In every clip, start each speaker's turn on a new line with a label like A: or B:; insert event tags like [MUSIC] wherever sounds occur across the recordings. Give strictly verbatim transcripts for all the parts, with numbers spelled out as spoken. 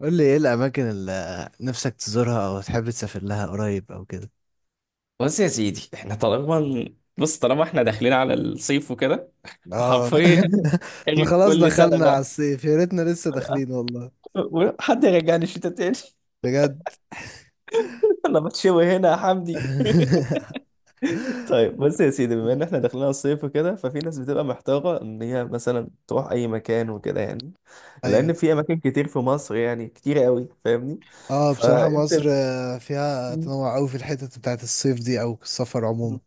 A: قول لي ايه الاماكن اللي نفسك تزورها او تحب تسافر لها قريب او كده.
B: بص يا سيدي، احنا طالما بص طالما احنا داخلين على الصيف وكده.
A: اه
B: حرفيا
A: [LAUGHS] احنا
B: عيد
A: خلاص
B: كل سنة
A: دخلنا على
B: بقى.
A: الصيف، يا ريتنا لسه داخلين والله،
B: حد يرجعني الشتاء تاني.
A: بجد.
B: [LAUGHS] انا بتشوي هنا يا حمدي.
A: [LAUGHS]
B: [LAUGHS] طيب بص يا سيدي، بما ان احنا داخلين على الصيف وكده، ففي ناس بتبقى محتاره ان هي مثلا تروح اي مكان وكده، يعني
A: ايوه.
B: لان في اماكن كتير في مصر، يعني كتير قوي، فاهمني.
A: اه بصراحة
B: فانت
A: مصر آه، فيها تنوع قوي في الحتت بتاعت الصيف دي او السفر عموما.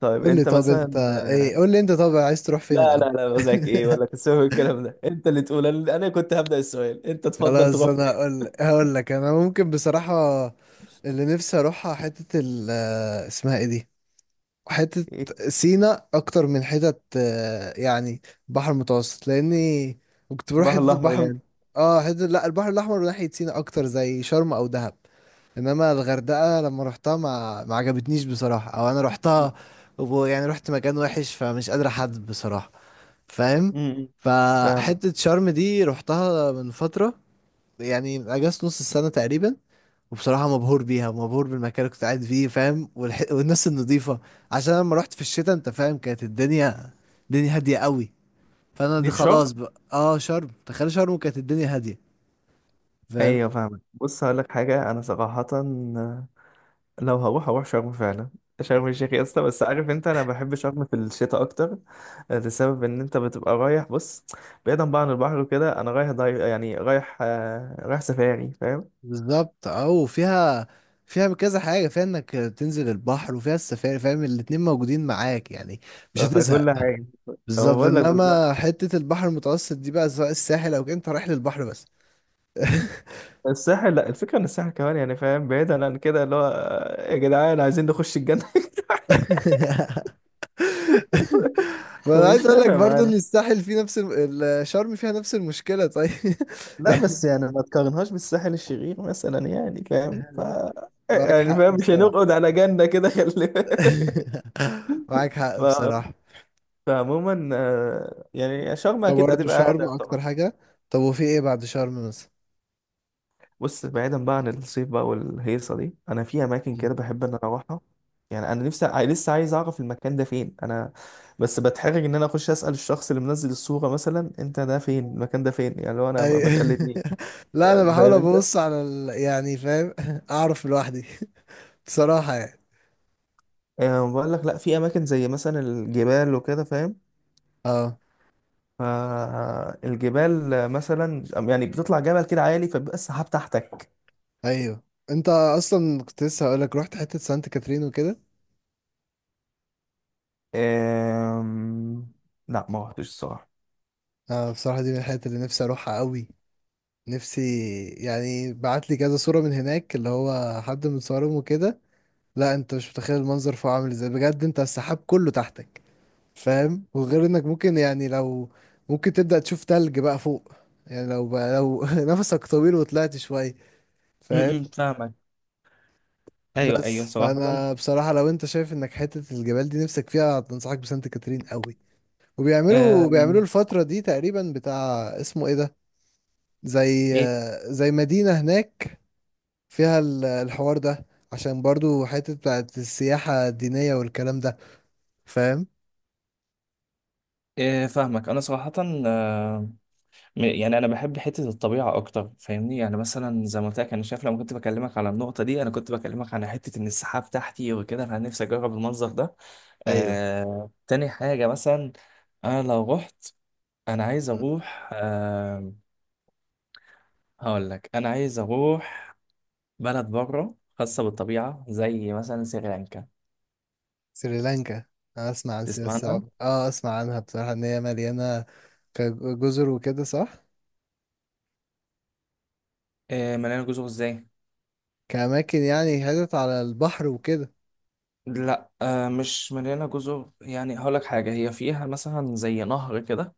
B: طيب
A: قول لي
B: انت
A: طب انت،
B: مثلا.
A: ايه، قول لي انت، طب عايز تروح فين
B: لا لا
A: الاول؟
B: لا،
A: [LAUGHS]
B: بقول لك ايه، ولا تسوي الكلام ده، انت اللي تقول. انا أنا كنت هبدأ السؤال، انت تفضل
A: خلاص
B: تروح
A: انا
B: فين؟
A: هقول هقول لك، انا ممكن بصراحة اللي نفسي اروحها حتة ال آه، اسمها ايه دي، حتة
B: إيه؟
A: سينا أكتر، من حتة آه، يعني بحر المتوسط، لأني كنت بروح
B: البحر
A: حتة
B: الاحمر
A: البحر.
B: يعني.
A: اه حتة، لا، البحر الأحمر ناحية سينا أكتر، زي شرم أو دهب. إنما الغردقة لما روحتها ما ما عجبتنيش بصراحة، أو أنا
B: م-
A: روحتها ويعني رحت مكان وحش، فمش قادر أحدد بصراحة، فاهم؟
B: م- فاهم.
A: فحتة شرم دي روحتها من فترة، يعني من أجازة نص السنة تقريبا، وبصراحة مبهور بيها، مبهور بالمكان اللي كنت قاعد فيه، فاهم؟ والح... والناس النظيفة. عشان أنا لما رحت في الشتاء، انت فاهم، كانت الدنيا الدنيا هادية قوي. فانا دي
B: دي في شرم.
A: خلاص بقى، اه شرم، تخيل شرم كانت الدنيا هادية، فاهم؟
B: ايوه فاهمك، بص هقول لك حاجه، انا صراحه لو هروح هروح شرم فعلا. شرم الشيخ يا اسطى، بس عارف انت، انا بحب شرم في الشتاء اكتر، آه، لسبب ان انت بتبقى رايح، بص، بعيدا بقى عن البحر وكده، انا رايح ضي... يعني رايح آه، رايح سفاري، فاهم.
A: بالظبط. اه وفيها فيها كذا حاجة، فيها انك تنزل البحر وفيها السفاري، فاهم؟ الاتنين موجودين معاك، يعني
B: ف-
A: مش هتزهق.
B: فكل حاجه. فما
A: بالظبط،
B: بقول لك
A: انما
B: بالظبط.
A: حتة البحر المتوسط دي بقى، سواء الساحل او كده، انت رايح للبحر بس.
B: الساحل، لا، الفكرة ان الساحل كمان، يعني فاهم، بعيدا عن كده، اللي هو، آه، يا جدعان عايزين نخش الجنة. [LAUGHS]
A: [LAUGHS] [LAUGHS] ما انا عايز
B: فمش
A: اقول لك
B: نافع
A: برضو ان
B: معانا.
A: الساحل فيه نفس الم- ال- شرم، فيها نفس المشكلة، طيب.
B: لا، بس
A: [LAUGHS]
B: يعني ما تقارنهاش بالساحل الشرير مثلا، يعني فاهم ف
A: معاك
B: يعني
A: حق
B: فاهم، مش
A: بصراحة.
B: هنقعد على جنة كده، [LAUGHS] خلي بالك.
A: [LAUGHS] معاك حق
B: ف...
A: بصراحة.
B: فعموما آه، يعني شرم
A: طب
B: اكيد
A: برضو
B: هتبقى اهدى
A: شرم
B: طبعا.
A: اكتر حاجة؟ طب وفي ايه بعد شرم مثلا؟
B: بص، بعيدا بقى عن الصيف بقى والهيصه دي، انا في اماكن
A: مم.
B: كده بحب ان انا اروحها. يعني انا نفسي، ع- لسه عايز اعرف المكان ده فين، انا بس بتحرج ان انا اخش اسال الشخص اللي منزل الصوره مثلا، انت ده فين، المكان ده فين، يعني لو انا ما
A: أي...
B: ما تقلدني،
A: [LAUGHS] لا انا بحاول
B: فاهم انت.
A: ابص على ال... يعني فاهم [LAUGHS] اعرف لوحدي [LAUGHS] بصراحة يعني.
B: يعني بقول لك، لا، في اماكن زي مثلا الجبال وكده، فاهم؟
A: اه.
B: فالجبال مثلا، يعني بتطلع جبل كده عالي، فبيبقى السحاب تحتك.
A: ايوه انت اصلا كنت لسه هقول لك، رحت حتة سانت كاترين وكده.
B: أم... لا، ما رحتش الصراحه.
A: اه بصراحة دي من الحتت اللي نفسي اروحها قوي، نفسي. يعني بعت لي كذا صورة من هناك، اللي هو حد من صورهم وكده. لا انت مش متخيل المنظر فوق عامل ازاي، بجد، انت السحاب كله تحتك، فاهم؟ وغير انك ممكن يعني لو ممكن تبدأ تشوف تلج بقى فوق، يعني لو بقى لو [LAUGHS] نفسك طويل وطلعت شوية، فاهم؟
B: امم فاهمك، ايوه ايوه
A: بس
B: صراحه.
A: فانا بصراحة لو انت شايف انك حتة الجبال دي نفسك فيها، انصحك بسانت كاترين قوي. وبيعملوا
B: آه
A: بيعملوا الفترة دي تقريبا بتاع اسمه ايه ده، زي
B: ايه،
A: زي مدينة هناك فيها ال- الحوار ده، عشان برضو حتة بتاعت السياحة الدينية والكلام ده، فاهم؟
B: إيه فاهمك انا صراحه. آه، م- يعني انا بحب حته الطبيعه اكتر، فاهمني، يعني مثلا زي ما قلت لك، انا شايف لما كنت بكلمك على النقطه دي، انا كنت بكلمك على حته ان السحاب تحتي وكده، انا نفسي اجرب المنظر ده.
A: ايوه.
B: آه، تاني حاجه مثلا، انا لو رحت، انا عايز
A: مم.
B: اروح آه، هقول لك، انا عايز اروح بلد بره خاصه بالطبيعه، زي مثلا سريلانكا.
A: سريلانكا. أنا أسمع عن سياسة
B: تسمعنا.
A: السعودية، أه أسمع عنها بصراحة، إن هي مليانة كجزر وكده، صح؟
B: آه، مليانه جزر ازاي؟
A: كأماكن يعني، حتت على البحر وكده.
B: لا، آه مش مليانة جزر، يعني هقولك حاجة، هي فيها مثلا زي نهر كده،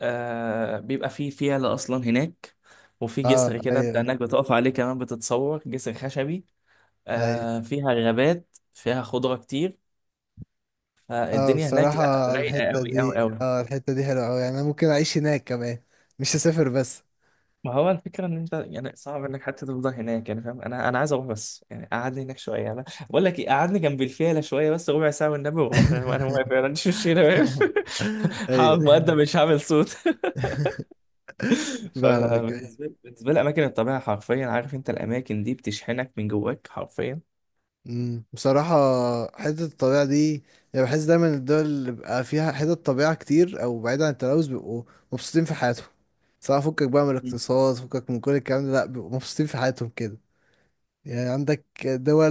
B: آه، بيبقى فيه فيلة أصلا هناك، وفي
A: أه
B: جسر كده أنت
A: أيوه
B: هناك بتقف عليه كمان، بتتصور جسر خشبي،
A: أيوه.
B: آه، فيها غابات، فيها خضرة كتير،
A: أه
B: فالدنيا هناك لا،
A: بصراحة
B: رايقة
A: الحتة
B: أوي أوي
A: دي،
B: أوي.
A: أه الحتة دي حلوة أوي، يعني أنا ممكن أعيش هناك كمان، مش هسافر بس.
B: ما هو الفكرة إن أنت يعني صعب إنك حتى تفضل هناك، يعني فاهم، أنا أنا عايز أروح، بس يعني قعدني هناك شوية. أنا بقول لك إيه، قعدني جنب الفيلة شوية بس، ربع ساعة والنبي وأروح. [LAUGHS] أنا أنا واقف،
A: [LAUGHS]
B: يعني مش مش هنا واقف.
A: [LAUGHS]
B: [LAUGHS]
A: ايوه
B: هقعد مقدم، مش هعمل صوت. [LAUGHS]
A: [LAUGHS] فاهمك.
B: فبالنسبة لي، بالنسبة لي أماكن الطبيعة حرفيا، عارف أنت، الأماكن دي بتشحنك من جواك حرفيا.
A: مم. بصراحة حتة الطبيعة دي، يعني بحس دايما الدول اللي بيبقى فيها حتة طبيعة كتير أو بعيد عن التلوث، بيبقوا مبسوطين في حياتهم، سواء فكك بقى من
B: مم.
A: الاقتصاد، فكك من كل الكلام ده، لأ بيبقوا مبسوطين في حياتهم كده. يعني عندك دول،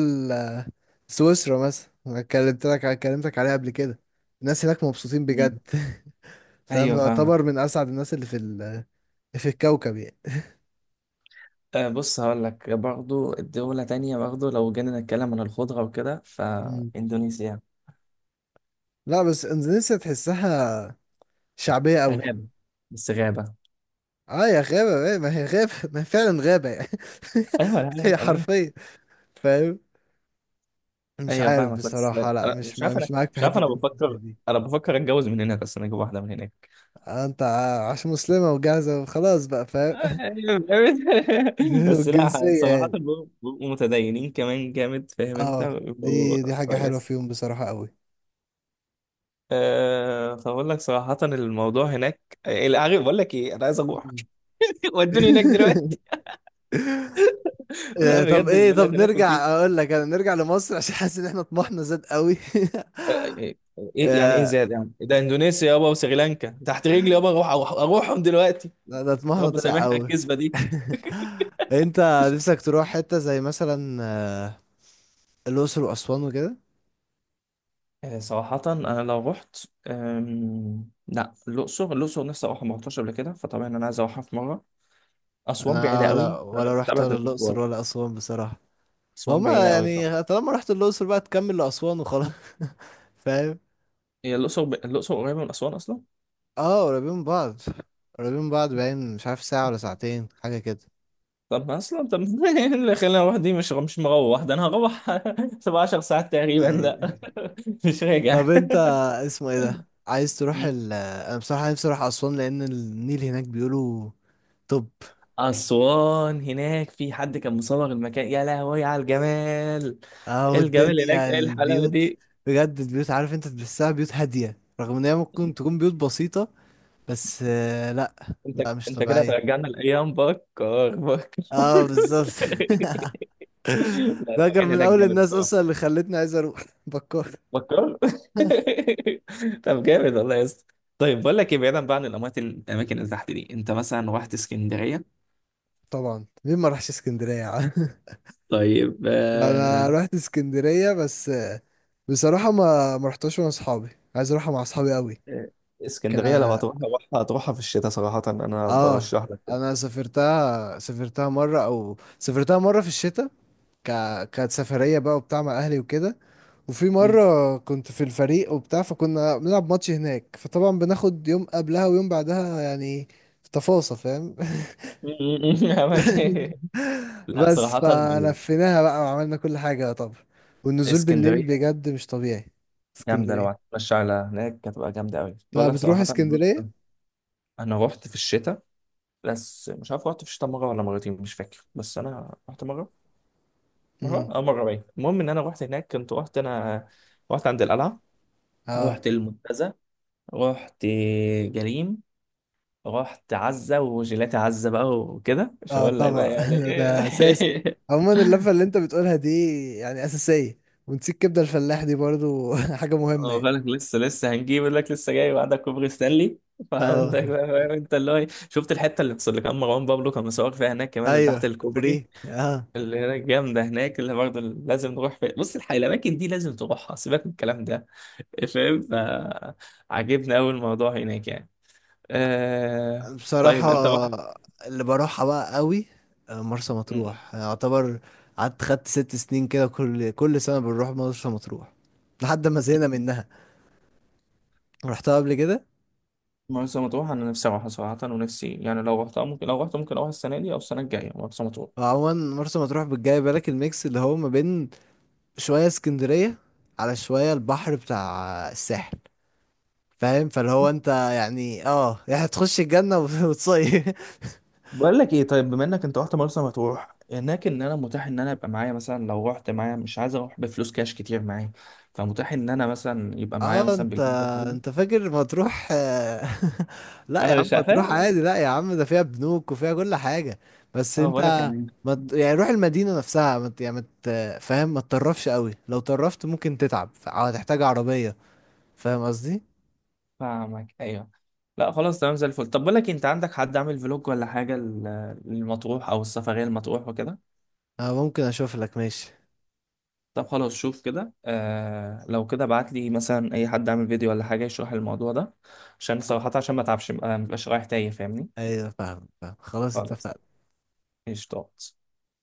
A: سويسرا مثلا، أنا كلمت لك كلمتك عليها قبل كده، الناس هناك مبسوطين بجد.
B: مم.
A: [LAUGHS] فاهم،
B: أيوه فاهمك.
A: يعتبر من أسعد الناس اللي في ال... في الكوكب يعني.
B: أه، بص هقول لك، برضه دولة تانية، برضه لو جينا نتكلم عن الخضرة وكده،
A: مم.
B: فإندونيسيا
A: لا بس إندونيسيا تحسها شعبية أوي.
B: غابة. بس غابة.
A: اه يا غابة، ايه ما هي غابة، ما هي فعلا غابة يعني.
B: ايوه.
A: [LAUGHS] هي
B: انا
A: حرفيا، فاهم؟ مش
B: ايوه
A: عارف
B: فاهمك، بس
A: بصراحة، لا
B: انا
A: مش،
B: مش
A: ما
B: عارف انا
A: مش معاك في
B: مش عارف انا
A: حتة الجنسية
B: بفكر
A: دي.
B: انا بفكر اتجوز من هناك اصلا، اجيب واحده من هناك.
A: آه، انت ع- عشان مسلمة وجاهزة وخلاص بقى، فاهم؟
B: [LAUGHS]
A: [LAUGHS]
B: بس لا
A: والجنسية
B: صراحه،
A: يعني.
B: بيبقوا بيبقوا متدينين كمان جامد، فاهم انت،
A: اه
B: بيبقوا.
A: دي دي حاجة حلوة
B: كويس.
A: فيهم بصراحة، قوي.
B: أه، فبقول لك صراحه الموضوع هناك إيه، عارف بقول لك ايه، انا عايز اروح.
A: مم.
B: [LAUGHS] ودوني هناك
A: [LAUGHS]
B: دلوقتي. [LAUGHS] لا،
A: آه، طب
B: بجد
A: ايه، طب
B: البلد هناك لطيف.
A: نرجع، اقول لك انا نرجع لمصر، عشان حاسس ان احنا طموحنا زاد قوي.
B: آه، آه، آه، إيه يعني ايه
A: [LAUGHS]
B: زاد؟ يعني ده اندونيسيا يابا وسريلانكا تحت رجلي يابا، اروح اروح اروحهم دلوقتي.
A: لا ده طموحنا
B: رب
A: طلع
B: سامحنا على
A: قوي.
B: الكذبه دي.
A: [LAUGHS] انت نفسك تروح حتة زي مثلا آه، الأقصر وأسوان وكده؟
B: آه، صراحة أنا لو رحت، أم... لا، الأقصر الأقصر نفسي أروحها، ما رحتهاش قبل كده، فطبعا أنا عايز أروحها في مرة. أسوان
A: انا
B: بعيدة قوي،
A: ولا
B: أنا
A: ولا رحت
B: بستبعد
A: ولا
B: المشوار.
A: الأقصر ولا أسوان بصراحة.
B: أسوان
A: وهما
B: بعيدة قوي طبعا.
A: يعني طالما رحت الأقصر بقى تكمل لأسوان وخلاص. [LAUGHS] فاهم؟
B: هي الأقصر ب... الأقصر قريبة من أسوان أصلا.
A: اه قريبين من بعض، قريبين من بعض، باين، مش عارف ساعة ولا ساعتين، حاجة كده.
B: طب ما أصلا طب، [LAUGHS] إيه اللي خلاني أروح دي؟ مش مش مروح ده، أنا هروح [LAUGHS] سبعتاشر ساعة ساعات تقريبا،
A: أي.
B: لا. [LAUGHS] مش
A: طب
B: راجع.
A: انت اسمه ايه ده، عايز تروح
B: م.
A: ال انا بصراحة نفسي اروح أسوان لأن النيل هناك بيقولوا. طب.
B: أسوان هناك، في حد كان مصور المكان، يا لهوي على الجمال،
A: اه
B: إيه الجمال هناك،
A: والدنيا
B: إيه الحلاوة
A: البيوت،
B: دي.
A: بجد البيوت، عارف انت، تحسها بيوت هادية رغم ان هي ممكن تكون بيوت بسيطة، بس آه، لا،
B: انت
A: لا مش
B: انت كده
A: طبيعية.
B: هترجعنا لايام بكار، بكار. [LAUGHS]
A: اه بالظبط. [LAUGHS]
B: لا،
A: ده كان
B: المكان
A: من
B: هناك
A: اول
B: جامد
A: الناس
B: الصراحه.
A: اصلا اللي خلتني عايز اروح [LAUGHS] بكار.
B: بكار. [LAUGHS] طب جامد والله يا اسطى. طيب بقول لك ايه، بعيدا بقى عن الاماكن الاماكن اللي تحت دي، انت مثلا
A: مم.
B: رحت اسكندريه؟
A: طبعا مين ما راحش اسكندرية يا عم؟ [LAUGHS]
B: طيب
A: لا، انا
B: آه...
A: رحت اسكندرية بس آه، بصراحة ما ما رحتهاش مع اصحابي، عايز اروحها مع اصحابي قوي.
B: آه،
A: ك
B: اسكندريه لو هتروح، هتروحها هتروحها في الشتاء صراحه، انا
A: اه
B: برشح لك كده.
A: انا سافرتها سافرتها مرة، او سافرتها مرة في الشتاء. ك... كانت سفرية بقى وبتاع مع أهلي وكده. وفي
B: مم.
A: مرة كنت في الفريق وبتاع، فكنا بنلعب ماتش هناك، فطبعا بناخد يوم قبلها ويوم بعدها، يعني تفاصيل، فاهم؟
B: [LAUGHS] أماكن-
A: [LAUGHS]
B: لا
A: بس
B: صراحه اقول لك،
A: فلفيناها بقى وعملنا كل حاجة طبعا، والنزول بالليل
B: اسكندريه
A: بجد مش طبيعي.
B: جامده. لو
A: اسكندرية.
B: هتمشي على هناك هتبقى جامده قوي، بقول
A: طب
B: لك
A: بتروح
B: صراحه، بص.
A: اسكندرية؟
B: انا رحت في الشتاء، بس مش عارف رحت في شتاء مره ولا مرتين، مش فاكر، بس انا رحت مره، مره
A: امم
B: اه مره باين. المهم ان انا رحت هناك، كنت رحت انا. رحت عند القلعه،
A: اه.
B: رحت المنتزه، رحت جليم، رحت عزه وجيلاتي، عزه بقى وكده مش
A: اه
B: هقول لك بقى
A: طبعا.
B: يعني
A: [LAUGHS] ده أساس،
B: ايه. [LAUGHS]
A: عموما اللفة اللي انت بتقولها دي يعني أساسية، ونسيت كبدة الفلاح دي برضو [LAUGHS] حاجة مهمة
B: اه
A: يعني.
B: بالك، لسه لسه هنجيب، يقول لك لسه جاي، وعندك كوبري ستانلي.
A: اه
B: فعندك بقى، فاهم انت، اللي هو ايه؟ شفت الحته اللي اللي كان مروان بابلو كان مصور فيها هناك كمان، اللي تحت
A: ايوه،
B: الكوبري،
A: فري، اه.
B: اللي هناك جامدة هناك، اللي برضه لازم نروح في... بص، الحقيقة الأماكن دي لازم تروحها، سيبك من الكلام ده، فاهم. فعجبني أوي الموضوع هناك يعني. آه...
A: بصراحة
B: طيب أنت رحت
A: اللي بروحها بقى قوي آه، مرسى
B: م-
A: مطروح يعتبر. قعدت خدت ست سنين كده، كل كل سنة بنروح مرسى مطروح لحد ما زهقنا
B: م-
A: منها، رحتها قبل كده.
B: مرسى مطروح؟ أنا نفسي أروحها صراحة، ونفسي، يعني لو رحتها ممكن، لو رحت ممكن أروح السنة دي أو السنة الجاية مرسى مطروح.
A: وعموما مرسى مطروح بتجاي بالك الميكس اللي هو ما بين شوية اسكندرية على شوية البحر بتاع الساحل، فاهم؟ فاللي هو انت يعني، اه يعني هتخش الجنة وت- [LAUGHS] وتصيف.
B: بقول لك ايه، طيب بما انك انت رحت مرسى مطروح هناك، ان انا متاح ان انا ابقى معايا مثلا، لو رحت معايا مش عايز اروح بفلوس كاش كتير معايا، فمتاح ان انا مثلا يبقى معايا
A: اه
B: مثلا
A: انت،
B: بالبيزا.
A: انت فاكر مطروح آه، [LAUGHS] لا يا
B: انا
A: عم،
B: مش
A: مطروح
B: فاهم.
A: عادي، لا يا عم ده فيها بنوك وفيها كل حاجة. بس
B: اه بقول لك
A: انت
B: يعني.
A: ما ت- يعني روح المدينة نفسها ما ت- يعني ما ت- فاهم، ما تطرفش قوي، لو طرفت ممكن تتعب ف- او هتحتاج عربية، فاهم قصدي؟
B: فاهمك ايوه. لا خلاص تمام زي الفل. طب بقول لك إيه، انت عندك حد عامل فلوج ولا حاجه لل- للمطروح او السفريه المطروح وكده؟
A: اه ممكن اشوف لك، ماشي.
B: طب خلاص شوف كده، آه لو كده ابعت لي مثلا اي حد عامل فيديو ولا حاجه يشرح الموضوع ده، عشان صراحه عشان ما اتعبش، ما ابقاش رايح تايه، فاهمني.
A: ايوه فاهم، فاهم، خلاص
B: خلاص.
A: اتفقنا.
B: قشطات.